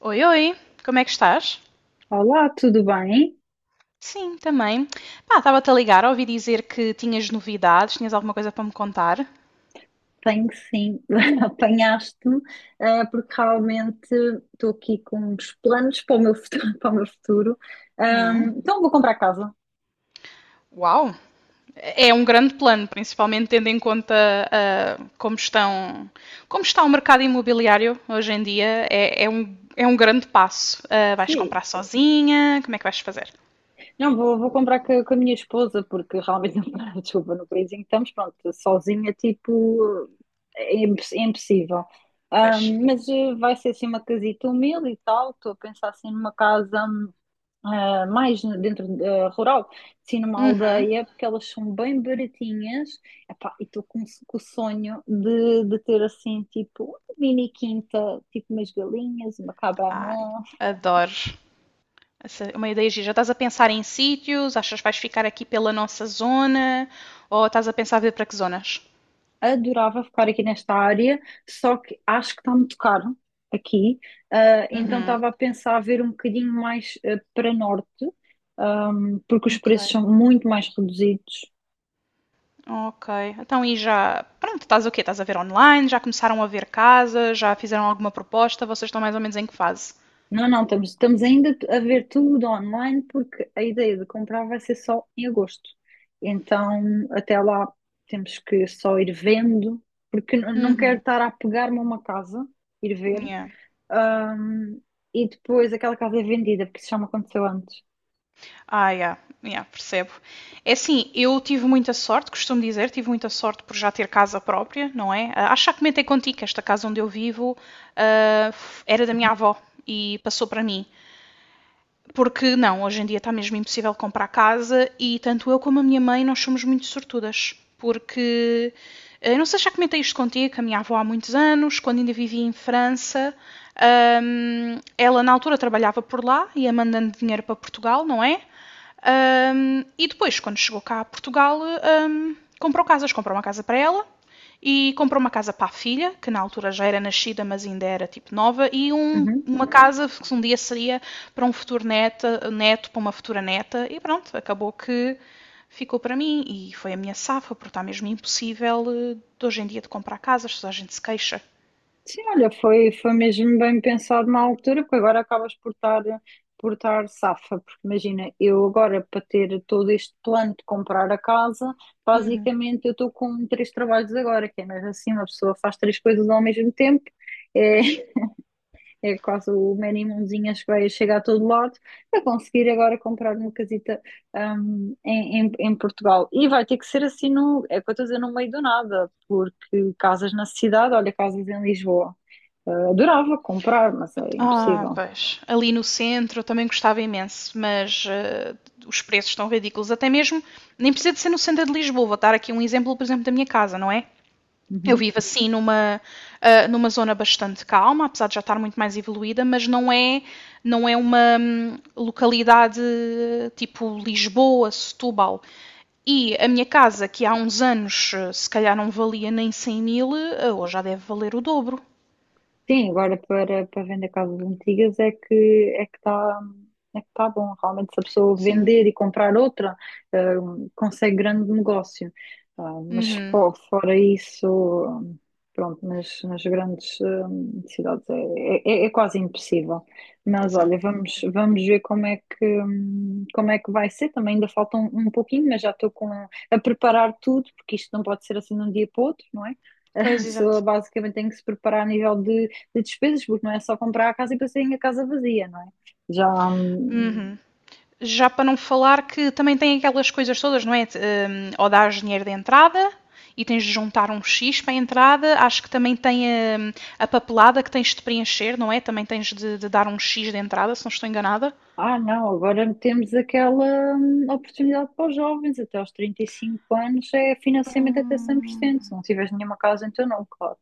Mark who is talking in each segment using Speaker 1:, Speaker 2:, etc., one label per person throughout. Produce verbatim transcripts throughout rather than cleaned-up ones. Speaker 1: Oi, oi, como é que estás?
Speaker 2: Olá, tudo bem?
Speaker 1: Sim, também. Pá, estava-te a ligar, ouvi dizer que tinhas novidades, tinhas alguma coisa para me contar.
Speaker 2: Tenho sim, apanhaste-me, eh, porque realmente estou aqui com uns planos para o meu futuro. Para o meu futuro.
Speaker 1: Hum,
Speaker 2: Ahm, então vou comprar casa.
Speaker 1: uau! É um grande plano, principalmente tendo em conta ah, como estão, como está o mercado imobiliário hoje em dia. É, é um, é um grande passo. Ah, vais
Speaker 2: Sim,
Speaker 1: comprar sozinha? Como é que vais fazer?
Speaker 2: não, vou, vou comprar co- com, a minha esposa, porque realmente, não, desculpa, no país em que estamos, pronto, sozinha, tipo, é, imposs- é impossível.
Speaker 1: Pois.
Speaker 2: Ahm, mas eh, vai ser assim uma casita humilde e tal, estou a pensar assim numa casa. Hum, ah, mais no- dentro da rural, sim, numa
Speaker 1: Uhum.
Speaker 2: aldeia, porque elas são bem baratinhas. Epá, e estou com, com o sonho de, de ter assim, tipo, uma mini quinta, tipo umas galinhas, uma cabana.
Speaker 1: Ai, adoro. Essa é uma ideia gira. Já estás a pensar em sítios? Achas que vais ficar aqui pela nossa zona? Ou estás a pensar ver para que zonas?
Speaker 2: Adorava ficar aqui nesta área, só que acho que está muito caro aqui. Ah, então
Speaker 1: Uhum.
Speaker 2: estava a pensar a ver um bocadinho mais ah, para norte, ahm, porque os
Speaker 1: Ok,
Speaker 2: preços são muito mais reduzidos.
Speaker 1: ok. Então, e já. Pronto, estás o quê? Estás a ver online? Já começaram a ver casas? Já fizeram alguma proposta? Vocês estão mais ou menos em que fase?
Speaker 2: Não, não, estamos, estamos ainda a ver tudo online porque a ideia de comprar vai ser só em agosto. Então, até lá temos que só ir vendo, porque n- não quero
Speaker 1: Uhum.
Speaker 2: estar a pegar-me a uma casa, ir ver,
Speaker 1: Yeah.
Speaker 2: ahm, e depois aquela casa é vendida, porque isso já me aconteceu antes.
Speaker 1: Ah, yeah. Yeah, percebo. É assim, eu tive muita sorte, costumo dizer, tive muita sorte por já ter casa própria, não é? Ah, Acho que já comentei contigo que esta casa onde eu vivo ah, f- era da minha
Speaker 2: Uhum,
Speaker 1: avó e passou para mim. Porque não, hoje em dia está mesmo impossível comprar casa e tanto eu como a minha mãe nós somos muito sortudas. Porque, eh, eu não sei se já comentei isto contigo, que a minha avó há muitos anos, quando ainda vivia em França, hum, ela na altura trabalhava por lá, ia mandando dinheiro para Portugal, não é? Um, e depois, quando chegou cá a Portugal, um, comprou casas. Comprou uma casa para ela e comprou uma casa para a filha, que na altura já era nascida, mas ainda era tipo nova, e um-
Speaker 2: uhum.
Speaker 1: uma casa que um dia seria para um futuro neta, neto, para uma futura neta. E pronto, acabou que ficou para mim e foi a minha safa, porque está mesmo impossível eh, de hoje em dia de comprar casas, toda a gente se queixa.
Speaker 2: Sim, olha, foi, foi mesmo bem pensado na altura, porque agora acabas por estar, por estar safa, porque imagina, eu agora para ter todo este plano de comprar a casa,
Speaker 1: Uhum.
Speaker 2: basicamente eu estou com três trabalhos agora, que é mesmo assim, uma pessoa faz três coisas ao mesmo tempo, é,
Speaker 1: Pois.
Speaker 2: é quase o man em mãozinhas que vai chegar a todo lado, para conseguir agora comprar uma casita, hum, em, em, em Portugal. E vai ter que ser assim, no, é o que eu estou a dizer, no meio do nada, porque casas na cidade, olha, casas em Lisboa. Eh, adorava comprar, mas é
Speaker 1: Ah,
Speaker 2: impossível.
Speaker 1: pois. Ali no centro eu também gostava imenso, mas eh, os preços estão ridículos. Até mesmo, nem precisa de ser no centro de Lisboa. Vou dar aqui um exemplo, por exemplo, da minha casa, não é? Eu
Speaker 2: Uhum.
Speaker 1: vivo assim numa, ah, numa zona bastante calma, apesar de já estar muito mais evoluída, mas não é, não é uma hum, localidade tipo Lisboa, Setúbal. E a minha casa, que há uns anos eh, se calhar não valia nem cem mil, eh, hoje já deve valer o dobro.
Speaker 2: Sim, agora para, para vender casas antigas é que é que está é que tá bom. Realmente, se a pessoa
Speaker 1: Sim.
Speaker 2: vender e comprar outra, eh, consegue grande negócio. Ah, mas
Speaker 1: Uhum.
Speaker 2: fo- fora isso, pronto, nas, nas grandes eh, cidades é, é, é é quase impossível. Mas
Speaker 1: Pois é.
Speaker 2: olha, vamos, vamos ver como é que, hum, como é que vai ser. Também ainda falta um, um pouquinho, mas já estou com, a preparar tudo, porque isto não pode ser assim de um dia para o outro, não é? A
Speaker 1: Pois, exato.
Speaker 2: pessoa basicamente tem que se preparar a nível de de despesas, porque não é só comprar a casa e passarem a casa vazia, não é? Já. hum,
Speaker 1: Uhum. Já para não falar que também tem aquelas coisas todas, não é? Hum, ou dás dinheiro de entrada e tens de juntar um X para a entrada. Acho que também tem hum, a, papelada que tens de preencher, não é? Também tens de, de dar um X de entrada, se não estou enganada.
Speaker 2: ah, não, agora temos aquela hum, oportunidade para os jovens, até aos trinta e cinco anos é financiamento até cem por cento
Speaker 1: Hum,
Speaker 2: se não tiveres nenhuma casa, então não, claro.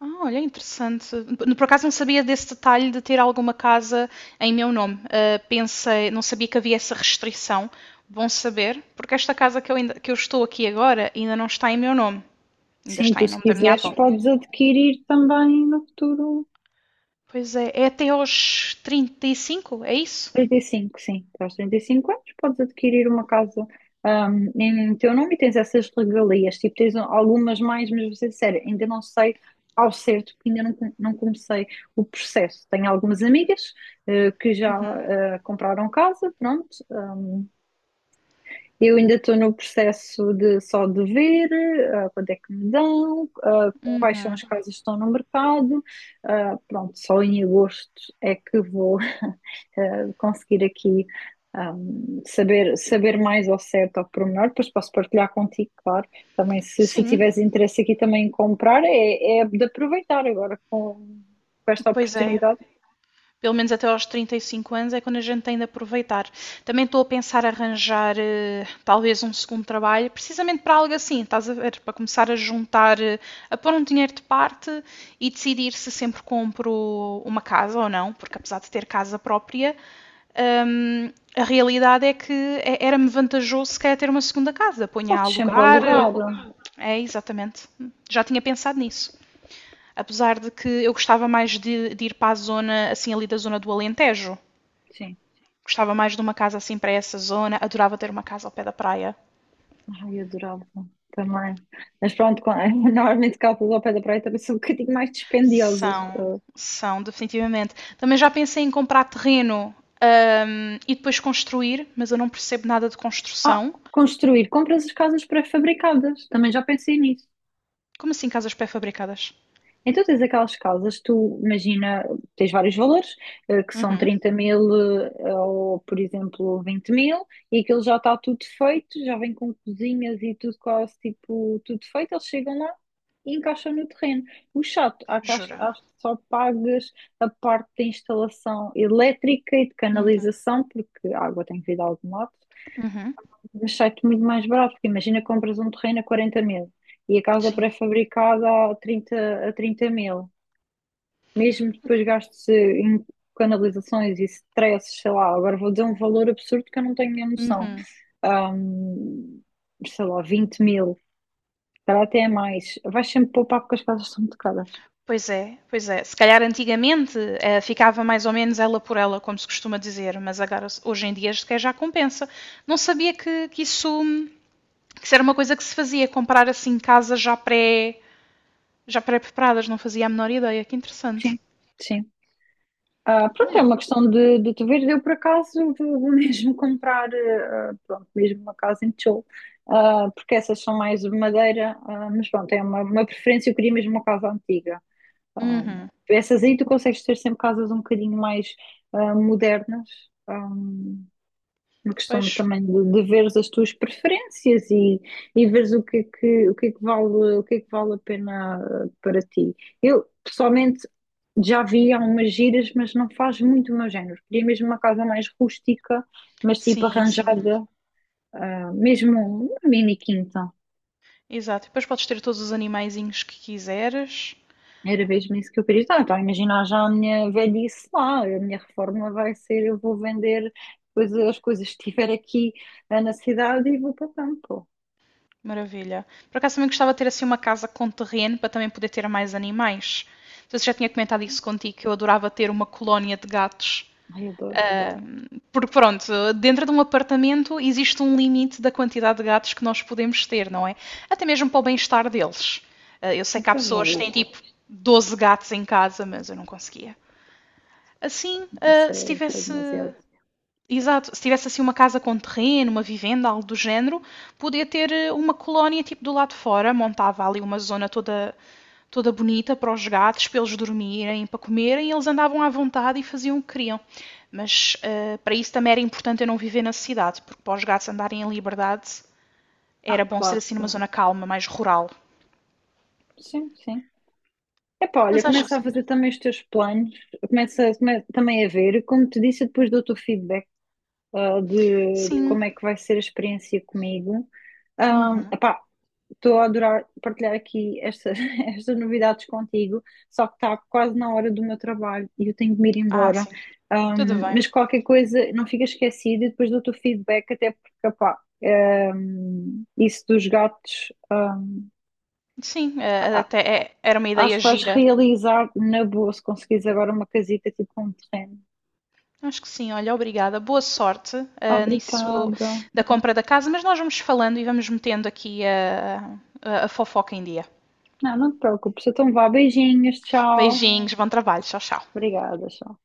Speaker 1: Ah, olha, interessante. Por acaso não sabia desse detalhe de ter alguma casa em meu nome. Ah, pensei, não sabia que havia essa restrição. Bom saber, porque esta casa que eu, ainda- que eu estou aqui agora ainda não está em meu nome. Ainda
Speaker 2: Sim,
Speaker 1: está
Speaker 2: tu
Speaker 1: em
Speaker 2: se
Speaker 1: nome da minha
Speaker 2: quiseres
Speaker 1: avó.
Speaker 2: podes adquirir também no futuro
Speaker 1: Pois é, é até aos trinta e cinco é isso?
Speaker 2: trinta e cinco sim. Aos trinta e cinco anos podes adquirir uma casa ahm, em teu nome e tens essas regalias. Tipo, tens algumas mais, mas vou ser sério, ainda não sei ao certo, porque ainda não, com- não comecei o processo. Tenho algumas amigas eh, que já eh, compraram casa, pronto, eu ainda estou no processo de só de ver ah, quanto é que me dão, ah, quais são as casas que estão no mercado. Ah, pronto, só em agosto é que vou ah, conseguir aqui ah, saber, saber mais ao certo, ao pormenor. Depois posso partilhar contigo, claro. Também, se, se
Speaker 1: Sim,
Speaker 2: tiveres interesse aqui também em comprar, é, é de aproveitar agora com, com esta
Speaker 1: pois é.
Speaker 2: oportunidade.
Speaker 1: Pelo menos até aos trinta e cinco anos é quando a gente tem de aproveitar. Também estou a pensar arranjar eh, talvez um segundo trabalho, precisamente para algo assim, estás a ver? Para começar a juntar, eh, a pôr um dinheiro de parte e decidir se sempre compro uma casa ou não, porque apesar de ter casa própria, hum, a realidade é que é- era-me vantajoso se calhar ter uma segunda casa. Ponha a
Speaker 2: Podes sempre
Speaker 1: alugar, eh,
Speaker 2: alugar,
Speaker 1: é, exatamente. Já tinha pensado nisso. Apesar de que eu gostava mais de, de ir para a zona, assim, ali da zona do Alentejo.
Speaker 2: sim.
Speaker 1: Gostava mais de uma casa assim para essa zona. Adorava ter uma casa ao pé da praia.
Speaker 2: Ai, eu adorava também. Mas pronto, com- normalmente casas ao pé da praia também são um bocadinho mais dispendiosas.
Speaker 1: São, São, definitivamente. Também já pensei em comprar terreno hum, e depois construir, mas eu não percebo nada de
Speaker 2: Ah,
Speaker 1: construção.
Speaker 2: Construir, compras as casas pré-fabricadas. Também já pensei nisso.
Speaker 1: Como assim casas pré-fabricadas?
Speaker 2: Então tens aquelas casas, tu imagina, tens vários valores, eh, que são
Speaker 1: Uhum.
Speaker 2: trinta mil eh, ou, por exemplo, vinte mil, e aquilo já está tudo feito, já vem com cozinhas e tudo quase, tipo, tudo feito, eles chegam lá e encaixam no terreno. O chato, há que acho que
Speaker 1: Jura?
Speaker 2: acho que só pagas a parte da instalação elétrica e de
Speaker 1: Uhum.
Speaker 2: canalização, porque a água tem que vir de algum lado,
Speaker 1: Uhum.
Speaker 2: mas sai-te muito mais barato, porque imagina compras um terreno a quarenta mil. E a casa
Speaker 1: Sim.
Speaker 2: pré-fabricada a trinta a trinta mil mesmo depois gastos eh, em canalizações e stresses, sei lá, agora vou dizer um valor absurdo que eu não tenho a noção.
Speaker 1: Uhum.
Speaker 2: Ahm, Sei lá, vinte mil, para até é mais, vais sempre poupar porque as casas são muito caras.
Speaker 1: Pois é, pois é. Se calhar antigamente eh, ficava mais ou menos ela por ela, como se costuma dizer, mas agora hoje em dia sequer já compensa. Não sabia que, que isso, que isso era uma coisa que se fazia, comprar assim casas já pré, já pré-preparadas, não fazia a menor ideia. Que interessante.
Speaker 2: Sim, sim. Ah, pronto, é
Speaker 1: Olha.
Speaker 2: uma questão de, de tu ver. Eu, por acaso, vou, vou mesmo comprar, eh, ah, pronto, mesmo uma casa em tijolo, ah, porque essas são mais de madeira, ah, mas pronto, é uma, uma preferência. Eu queria mesmo uma casa antiga. Um,
Speaker 1: Uhum.
Speaker 2: Essas aí tu consegues ter sempre casas um bocadinho mais ah, modernas, um, uma questão
Speaker 1: Pois,
Speaker 2: também de, de veres as tuas preferências e, e veres o que é que, o que é que vale, o que é que vale a pena ah, para ti. Eu, pessoalmente, já vi algumas giras, mas não faz muito o meu género. Queria mesmo uma casa mais rústica, mas tipo
Speaker 1: sim, sim.
Speaker 2: arranjada, ah, mesmo uma mini quinta.
Speaker 1: Exato. Depois podes ter todos os animaizinhos que quiseres.
Speaker 2: Era mesmo isso que eu queria. Então, imagina já a minha velhice lá, a minha reforma vai ser, eu vou vender coisas, as coisas que tiver aqui eh, na cidade e vou para o campo.
Speaker 1: Maravilha. Por acaso também gostava de ter assim uma casa com terreno para também poder ter mais animais. Não sei se já tinha comentado isso contigo, que eu adorava ter uma colónia de gatos.
Speaker 2: Ai, adoro.
Speaker 1: Porque pronto, dentro de um apartamento existe um limite da quantidade de gatos que nós podemos ter, não é? Até mesmo para o bem-estar deles. Eh, Eu sei que há
Speaker 2: Então já
Speaker 1: pessoas que têm
Speaker 2: viste,
Speaker 1: tipo doze gatos em casa, mas eu não conseguia. Assim, eh,
Speaker 2: isso
Speaker 1: se
Speaker 2: é, isso é
Speaker 1: tivesse
Speaker 2: demasiado.
Speaker 1: exato, se tivesse assim uma casa com terreno, uma vivenda, algo do género, podia ter eh, uma colónia tipo do lado de fora, montava ali uma zona toda toda bonita para os gatos, para eles dormirem, para comerem, e eles andavam à vontade e faziam o que queriam. Mas eh, para isso também era importante eu não viver na cidade, porque para os gatos andarem em liberdade
Speaker 2: Ah,
Speaker 1: era bom ser
Speaker 2: claro,
Speaker 1: assim numa zona calma, mais rural.
Speaker 2: sim, sim. Epá, olha,
Speaker 1: Mas acho que
Speaker 2: começa a
Speaker 1: sim.
Speaker 2: fazer também os teus planos, começa, come- também a ver, como te disse, eu depois dou-te o feedback ah, de, de
Speaker 1: Sim.
Speaker 2: como é que vai ser a experiência comigo. Ah,
Speaker 1: Uhum.
Speaker 2: epá, estou a adorar partilhar aqui estas, estas novidades contigo, só que está quase na hora do meu trabalho e eu tenho de me ir
Speaker 1: Ah,
Speaker 2: embora.
Speaker 1: sim. Tudo
Speaker 2: Ahm,
Speaker 1: bem.
Speaker 2: mas qualquer coisa, não fica esquecido e depois dou-te o feedback, até porque, pá, um, isso dos gatos, ahm,
Speaker 1: Sim, eh,
Speaker 2: a-
Speaker 1: até é- era uma
Speaker 2: acho
Speaker 1: ideia
Speaker 2: que vais
Speaker 1: gira.
Speaker 2: realizar na boa se conseguires agora uma casita tipo com um terreno.
Speaker 1: Acho que sim, olha, obrigada. Boa sorte, ah, nisso
Speaker 2: Obrigada.
Speaker 1: da compra da casa, mas nós vamos falando e vamos metendo aqui a, a- a fofoca em dia.
Speaker 2: Não, não te preocupes, então vá, beijinhos, tchau.
Speaker 1: Beijinhos, bom trabalho, tchau, tchau.
Speaker 2: Obrigada, tchau.